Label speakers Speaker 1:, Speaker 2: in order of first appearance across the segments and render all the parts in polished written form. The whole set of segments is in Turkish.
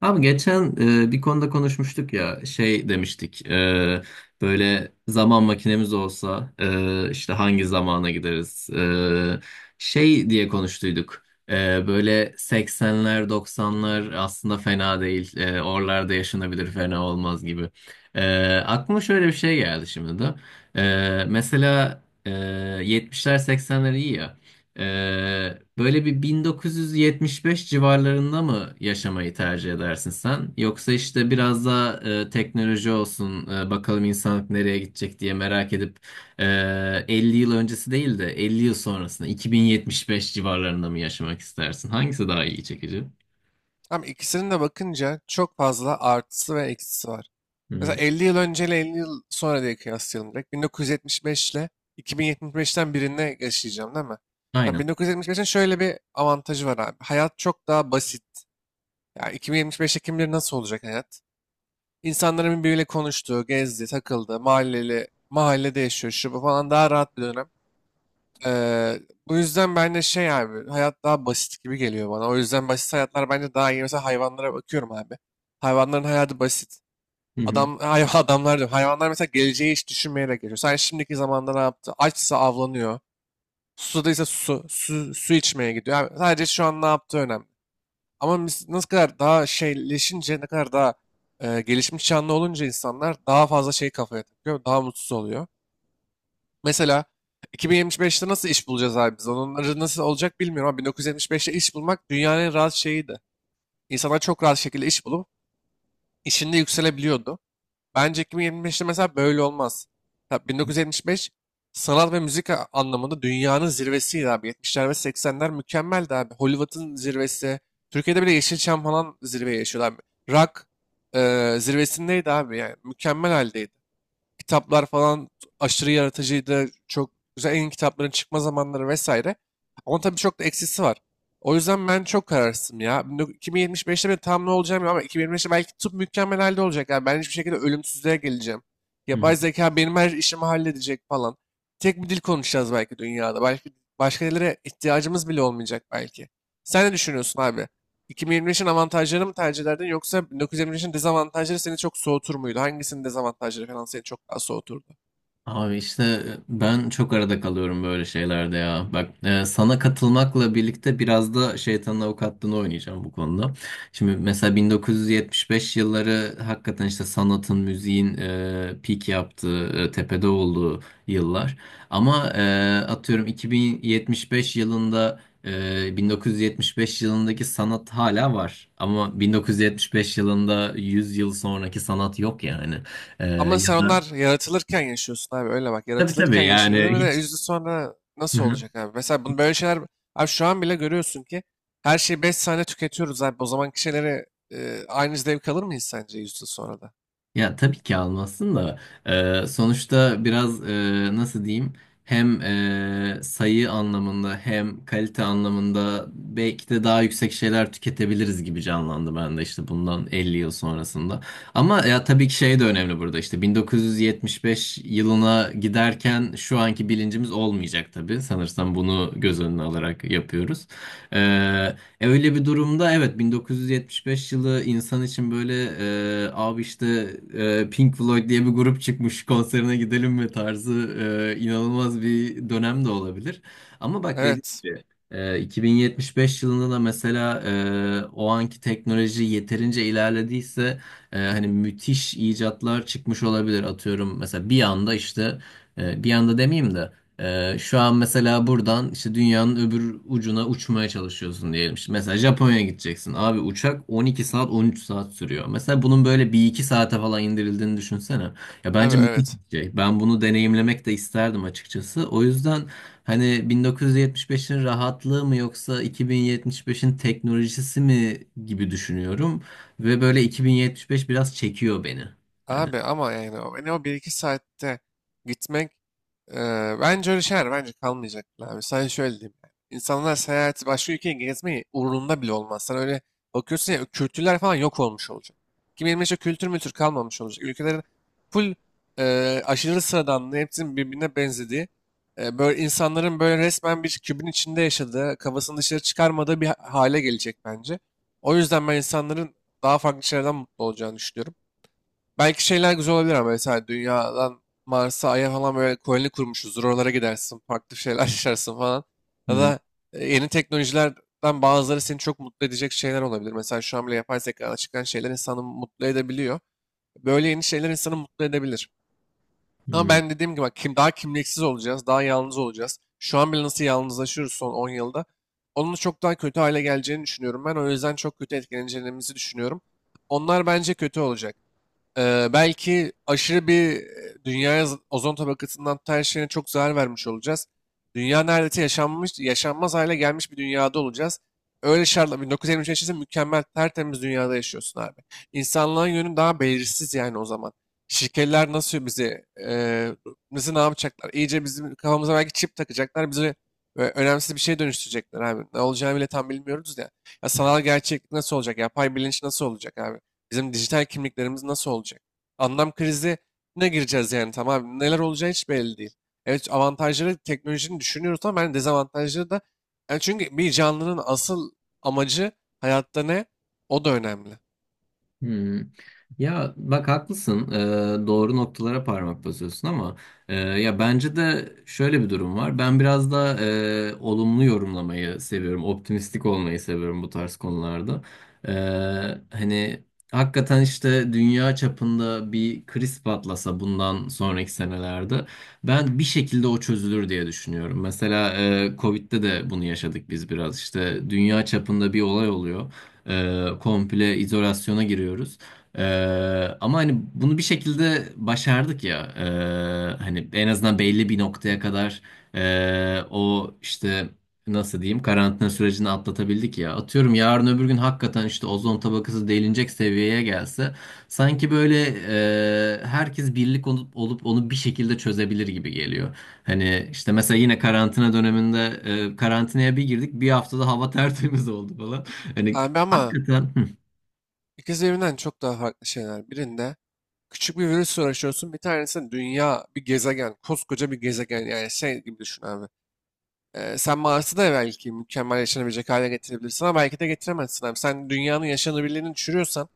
Speaker 1: Abi geçen bir konuda konuşmuştuk ya, şey demiştik. Böyle zaman makinemiz olsa işte hangi zamana gideriz, E, şey diye konuştuyduk. Böyle 80'ler, 90'lar aslında fena değil, oralarda yaşanabilir, fena olmaz gibi. Aklıma şöyle bir şey geldi şimdi de. Mesela 70'ler, 80'ler iyi ya. Böyle bir 1975 civarlarında mı yaşamayı tercih edersin sen? Yoksa işte biraz daha teknoloji olsun, bakalım insanlık nereye gidecek diye merak edip e, 50 yıl öncesi değil de 50 yıl sonrasında 2075 civarlarında mı yaşamak istersin? Hangisi daha iyi, çekici?
Speaker 2: Tam ikisinin de bakınca çok fazla artısı ve eksisi var.
Speaker 1: Hı
Speaker 2: Mesela
Speaker 1: hı.
Speaker 2: 50 yıl önceyle 50 yıl sonra diye kıyaslayalım direkt. 1975 ile 2075'ten birine yaşayacağım değil mi? Tabii
Speaker 1: Aynen.
Speaker 2: 1975'in şöyle bir avantajı var abi. Hayat çok daha basit. Ya 2075'te kim bilir nasıl olacak hayat? İnsanların birbiriyle konuştuğu, gezdi, takıldı, mahalleli, mahallede yaşıyor, şu bu falan daha rahat bir dönem. Eee, bu yüzden ben de şey abi hayat daha basit gibi geliyor bana. O yüzden basit hayatlar bence daha iyi. Mesela hayvanlara bakıyorum abi. Hayvanların hayatı basit.
Speaker 1: Hı hı.
Speaker 2: Adamlar diyorum. Hayvanlar mesela geleceği hiç düşünmeyerek geçiyor. Sen şimdiki zamanda ne yaptı? Açsa avlanıyor. Susadıysa su içmeye gidiyor. Yani sadece şu an ne yaptığı önemli. Ama biz nasıl kadar daha şeyleşince, ne kadar daha gelişmiş canlı olunca insanlar daha fazla şey kafaya takıyor. Daha mutsuz oluyor. Mesela 2075'te nasıl iş bulacağız abi biz? Onları nasıl olacak bilmiyorum ama 1975'te iş bulmak dünyanın en rahat şeyiydi. İnsanlar çok rahat şekilde iş bulup işinde yükselebiliyordu. Bence 2025'te mesela böyle olmaz. Tabii 1975 sanat ve müzik anlamında dünyanın zirvesiydi abi. 70'ler ve 80'ler mükemmeldi abi. Hollywood'un zirvesi. Türkiye'de bile Yeşilçam falan zirveye yaşıyordu abi. Rock zirvesindeydi abi yani. Mükemmel haldeydi. Kitaplar falan aşırı yaratıcıydı. Çok güzel en iyi kitapların çıkma zamanları vesaire. Ama tabii çok da eksisi var. O yüzden ben çok kararsızım ya. 2075'te ben tam ne olacağım ya ama 2025'te belki tıp mükemmel halde olacak. Yani ben hiçbir şekilde ölümsüzlüğe geleceğim.
Speaker 1: Hı.
Speaker 2: Yapay zeka benim her işimi halledecek falan. Tek bir dil konuşacağız belki dünyada. Belki başka dillere ihtiyacımız bile olmayacak belki. Sen ne düşünüyorsun abi? 2023'ün avantajları mı tercih ederdin yoksa 1923'ün dezavantajları seni çok soğutur muydu? Hangisinin dezavantajları falan seni çok daha soğuturdu?
Speaker 1: Abi işte ben çok arada kalıyorum böyle şeylerde ya. Bak, sana katılmakla birlikte biraz da şeytanın avukatlığını oynayacağım bu konuda. Şimdi mesela 1975 yılları hakikaten işte sanatın, müziğin peak yaptığı, tepede olduğu yıllar. Ama atıyorum 2075 yılında 1975 yılındaki sanat hala var. Ama 1975 yılında 100 yıl sonraki sanat yok yani. E,
Speaker 2: Ama
Speaker 1: ya
Speaker 2: sen onlar
Speaker 1: da.
Speaker 2: yaratılırken yaşıyorsun abi öyle bak.
Speaker 1: Tabii,
Speaker 2: Yaratılırken
Speaker 1: tabii yani
Speaker 2: yaşadın ve de
Speaker 1: hiç.
Speaker 2: 100 yıl sonra
Speaker 1: Hı
Speaker 2: nasıl
Speaker 1: hı.
Speaker 2: olacak abi? Mesela bunu böyle şeyler abi şu an bile görüyorsun ki her şeyi 5 saniye tüketiyoruz abi. O zamanki şeyleri aynı zevk alır mıyız sence 100 yıl sonra da?
Speaker 1: Ya tabii ki almazsın da sonuçta biraz nasıl diyeyim, hem sayı anlamında hem kalite anlamında belki de daha yüksek şeyler tüketebiliriz gibi canlandı ben de, işte bundan 50 yıl sonrasında. Ama ya tabii ki şey de önemli burada, işte 1975 yılına giderken şu anki bilincimiz olmayacak, tabii sanırsam bunu göz önüne alarak yapıyoruz. E, Öyle bir durumda evet, 1975 yılı insan için böyle, abi işte Pink Floyd diye bir grup çıkmış, konserine gidelim mi tarzı inanılmaz bir dönem de olabilir. Ama bak dediğim
Speaker 2: Evet.
Speaker 1: gibi, 2075 yılında da mesela o anki teknoloji yeterince ilerlediyse hani müthiş icatlar çıkmış olabilir, atıyorum. Mesela bir anda işte, bir anda demeyeyim de şu an mesela buradan işte dünyanın öbür ucuna uçmaya çalışıyorsun diyelim. İşte mesela Japonya'ya gideceksin. Abi uçak 12 saat, 13 saat sürüyor. Mesela bunun böyle bir iki saate falan indirildiğini düşünsene. Ya
Speaker 2: Tabii
Speaker 1: bence müthiş
Speaker 2: evet.
Speaker 1: bir şey. Ben bunu deneyimlemek de isterdim açıkçası. O yüzden hani 1975'in rahatlığı mı yoksa 2075'in teknolojisi mi gibi düşünüyorum. Ve böyle 2075 biraz çekiyor beni. Hani.
Speaker 2: Abi ama yani o bir iki saatte gitmek e, bence öyle şeyler bence kalmayacak bile abi. Sadece şöyle diyeyim. Yani. İnsanlar seyahati başka ülkeye gezmeyi uğrunda bile olmaz. Sen öyle bakıyorsun ya kültürler falan yok olmuş olacak. Kim bilir işte kültür mültür kalmamış olacak. Ülkelerin full aşırı sıradanlığı hepsinin birbirine benzediği böyle insanların böyle resmen bir kübün içinde yaşadığı kafasını dışarı çıkarmadığı bir hale gelecek bence. O yüzden ben insanların daha farklı şeylerden mutlu olacağını düşünüyorum. Belki şeyler güzel olabilir ama mesela dünyadan Mars'a, Ay'a falan böyle koloni kurmuşuzdur. Oralara gidersin, farklı şeyler yaşarsın falan. Ya
Speaker 1: Hı
Speaker 2: da yeni teknolojilerden bazıları seni çok mutlu edecek şeyler olabilir. Mesela şu an bile yapay zekadan çıkan şeyler insanı mutlu edebiliyor. Böyle yeni şeyler insanı mutlu edebilir. Ama
Speaker 1: hı.
Speaker 2: ben dediğim gibi bak, daha kimliksiz olacağız, daha yalnız olacağız. Şu an bile nasıl yalnızlaşıyoruz son 10 yılda. Onun çok daha kötü hale geleceğini düşünüyorum ben. O yüzden çok kötü etkileneceğimizi düşünüyorum. Onlar bence kötü olacak. Belki aşırı bir dünyaya ozon tabakasından tutan her şeyine çok zarar vermiş olacağız. Dünya neredeyse yaşanmaz hale gelmiş bir dünyada olacağız. Öyle şartla 1923 yaşasın mükemmel tertemiz dünyada yaşıyorsun abi. İnsanlığın yönü daha belirsiz yani o zaman. Şirketler nasıl bizi ne yapacaklar? İyice bizim kafamıza belki çip takacaklar. Bizi önemsiz bir şeye dönüştürecekler abi. Ne olacağını bile tam bilmiyoruz ya. Ya sanal gerçeklik nasıl olacak? Yapay bilinç nasıl olacak abi? Bizim dijital kimliklerimiz nasıl olacak? Anlam krizine gireceğiz yani tamam. Neler olacağı hiç belli değil. Evet avantajları teknolojinin düşünüyoruz ama ben dezavantajları da yani çünkü bir canlının asıl amacı hayatta ne? O da önemli.
Speaker 1: Hmm. Ya bak, haklısın. Doğru noktalara parmak basıyorsun ama ya bence de şöyle bir durum var, ben biraz da olumlu yorumlamayı seviyorum, optimistik olmayı seviyorum bu tarz konularda. Ee, hani hakikaten işte dünya çapında bir kriz patlasa bundan sonraki senelerde ben bir şekilde o çözülür diye düşünüyorum. Mesela Covid'de de bunu yaşadık biz biraz. İşte dünya çapında bir olay oluyor. Komple izolasyona giriyoruz. E, ama hani bunu bir şekilde başardık ya. Hani en azından belli bir noktaya kadar, o işte nasıl diyeyim, karantina sürecini atlatabildik ya. Atıyorum yarın öbür gün hakikaten işte ozon tabakası delinecek seviyeye gelse sanki böyle herkes birlik olup onu bir şekilde çözebilir gibi geliyor. Hani işte mesela yine karantina döneminde karantinaya bir girdik, bir haftada hava tertemiz oldu falan. Hani,
Speaker 2: Abi ama
Speaker 1: hakikaten. Hı,
Speaker 2: ikisi birbirinden çok daha farklı şeyler. Birinde küçük bir virüsle uğraşıyorsun. Bir tanesi dünya, bir gezegen, koskoca bir gezegen. Yani şey gibi düşün abi. Sen Mars'ı da belki mükemmel yaşanabilecek hale getirebilirsin ama belki de getiremezsin abi. Sen dünyanın yaşanabilirliğini düşürüyorsan,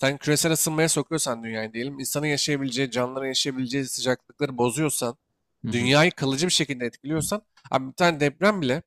Speaker 2: sen küresel ısınmaya sokuyorsan dünyayı diyelim, insanın yaşayabileceği, canlıların yaşayabileceği sıcaklıkları bozuyorsan,
Speaker 1: hı, hı,
Speaker 2: dünyayı kalıcı bir şekilde etkiliyorsan, abi bir tane deprem bile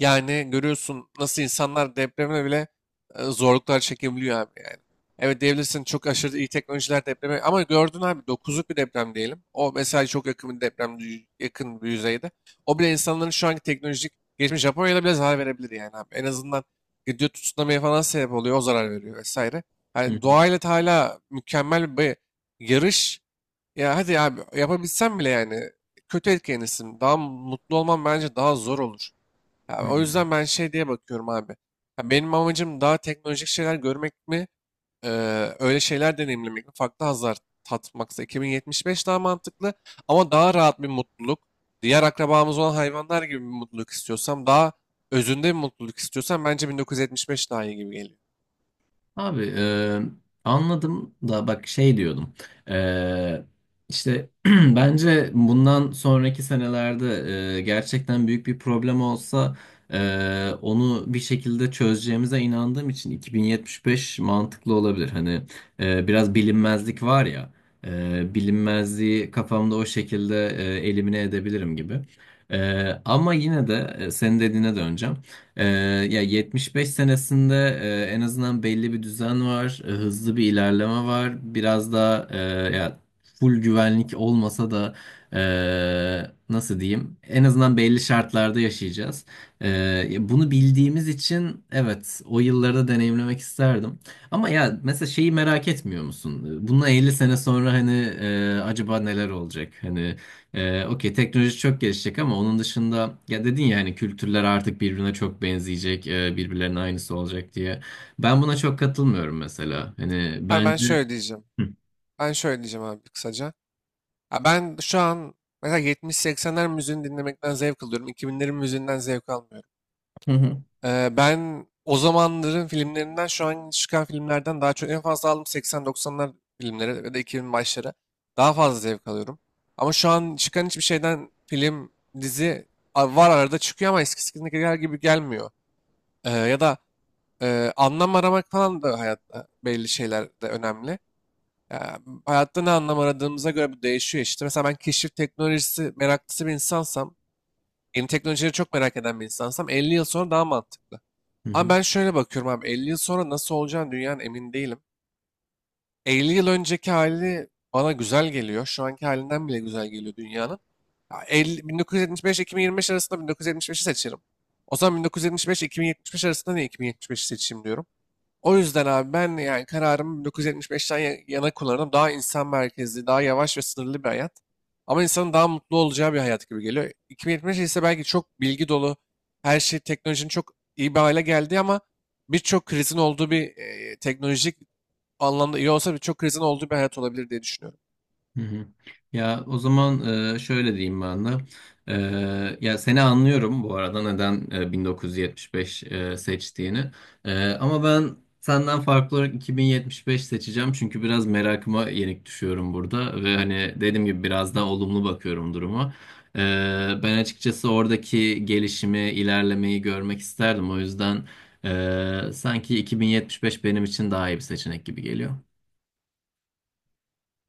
Speaker 2: yani görüyorsun nasıl insanlar depremle bile zorluklar çekebiliyor abi yani. Evet diyebilirsin çok aşırı iyi teknolojiler depreme ama gördün abi dokuzluk bir deprem diyelim. O mesela çok yakın bir deprem yakın bir yüzeyde. O bile insanların şu anki teknolojik geçmiş Japonya'da bile zarar verebilir yani abi. En azından gidiyor tsunami'ye falan sebep oluyor o zarar veriyor vesaire.
Speaker 1: hı,
Speaker 2: Yani doğayla da hala mükemmel bir yarış. Ya hadi abi yapabilsem bile yani kötü etkilenirsin. Daha mutlu olman bence daha zor olur. Ya
Speaker 1: hı.
Speaker 2: o
Speaker 1: Hı.
Speaker 2: yüzden ben şey diye bakıyorum abi. Ya benim amacım daha teknolojik şeyler görmek mi, öyle şeyler deneyimlemek mi, farklı hazlar tatmaksa 2075 daha mantıklı ama daha rahat bir mutluluk. Diğer akrabamız olan hayvanlar gibi bir mutluluk istiyorsam, daha özünde bir mutluluk istiyorsam bence 1975 daha iyi gibi geliyor.
Speaker 1: Abi anladım da bak şey diyordum. E, işte bence bundan sonraki senelerde gerçekten büyük bir problem olsa onu bir şekilde çözeceğimize inandığım için 2075 mantıklı olabilir, hani biraz bilinmezlik var ya, bilinmezliği kafamda o şekilde elimine edebilirim gibi. E, ama yine de senin dediğine döneceğim. Ee, ya 75 senesinde en azından belli bir düzen var, hızlı bir ilerleme var. Biraz daha ya full güvenlik olmasa da nasıl diyeyim? En azından belli şartlarda yaşayacağız. E, ya bunu bildiğimiz için evet, o yıllarda deneyimlemek isterdim. Ama ya mesela şeyi merak etmiyor musun? Bundan 50 sene sonra hani acaba neler olacak? Hani okey teknoloji çok gelişecek ama onun dışında, ya dedin ya hani kültürler artık birbirine çok benzeyecek, birbirlerinin aynısı olacak diye. Ben buna çok katılmıyorum mesela. Hani
Speaker 2: Ha ben
Speaker 1: bence.
Speaker 2: şöyle diyeceğim.
Speaker 1: Hı.
Speaker 2: Ben şöyle diyeceğim abi kısaca. Ha ben şu an mesela 70-80'ler müziğini dinlemekten zevk alıyorum. 2000'lerin müziğinden zevk almıyorum.
Speaker 1: Hı hı.
Speaker 2: Ben o zamanların filmlerinden şu an çıkan filmlerden daha çok en fazla aldım 80-90'lar filmleri ve de 2000 başları. Daha fazla zevk alıyorum. Ama şu an çıkan hiçbir şeyden film, dizi var arada çıkıyor ama eskisindekiler gibi gelmiyor. Ya da anlam aramak falan da hayatta belli şeyler de önemli. Ya, hayatta ne anlam aradığımıza göre bu değişiyor işte. Mesela ben keşif teknolojisi meraklısı bir insansam, yeni teknolojileri çok merak eden bir insansam 50 yıl sonra daha mantıklı.
Speaker 1: Hı
Speaker 2: Ama
Speaker 1: hı.
Speaker 2: ben şöyle bakıyorum abi 50 yıl sonra nasıl olacağını dünyanın emin değilim. 50 yıl önceki hali bana güzel geliyor. Şu anki halinden bile güzel geliyor dünyanın. Ya 50, 1975-2025 arasında 1975'i seçerim. O zaman 1975-2075 arasında niye 2075'i seçeyim diyorum. O yüzden abi ben yani kararımı 1975'ten yana kullanırım. Daha insan merkezli, daha yavaş ve sınırlı bir hayat. Ama insanın daha mutlu olacağı bir hayat gibi geliyor. 2075 ise belki çok bilgi dolu, her şey teknolojinin çok iyi bir hale geldi ama birçok krizin olduğu bir teknolojik anlamda iyi olsa birçok krizin olduğu bir hayat olabilir diye düşünüyorum.
Speaker 1: Hı hı. Ya o zaman şöyle diyeyim ben de. Ya seni anlıyorum bu arada neden 1975 seçtiğini. Ama ben senden farklı olarak 2075 seçeceğim çünkü biraz merakıma yenik düşüyorum burada ve hani dediğim gibi biraz daha olumlu bakıyorum duruma. E, ben açıkçası oradaki gelişimi, ilerlemeyi görmek isterdim. O yüzden sanki 2075 benim için daha iyi bir seçenek gibi geliyor.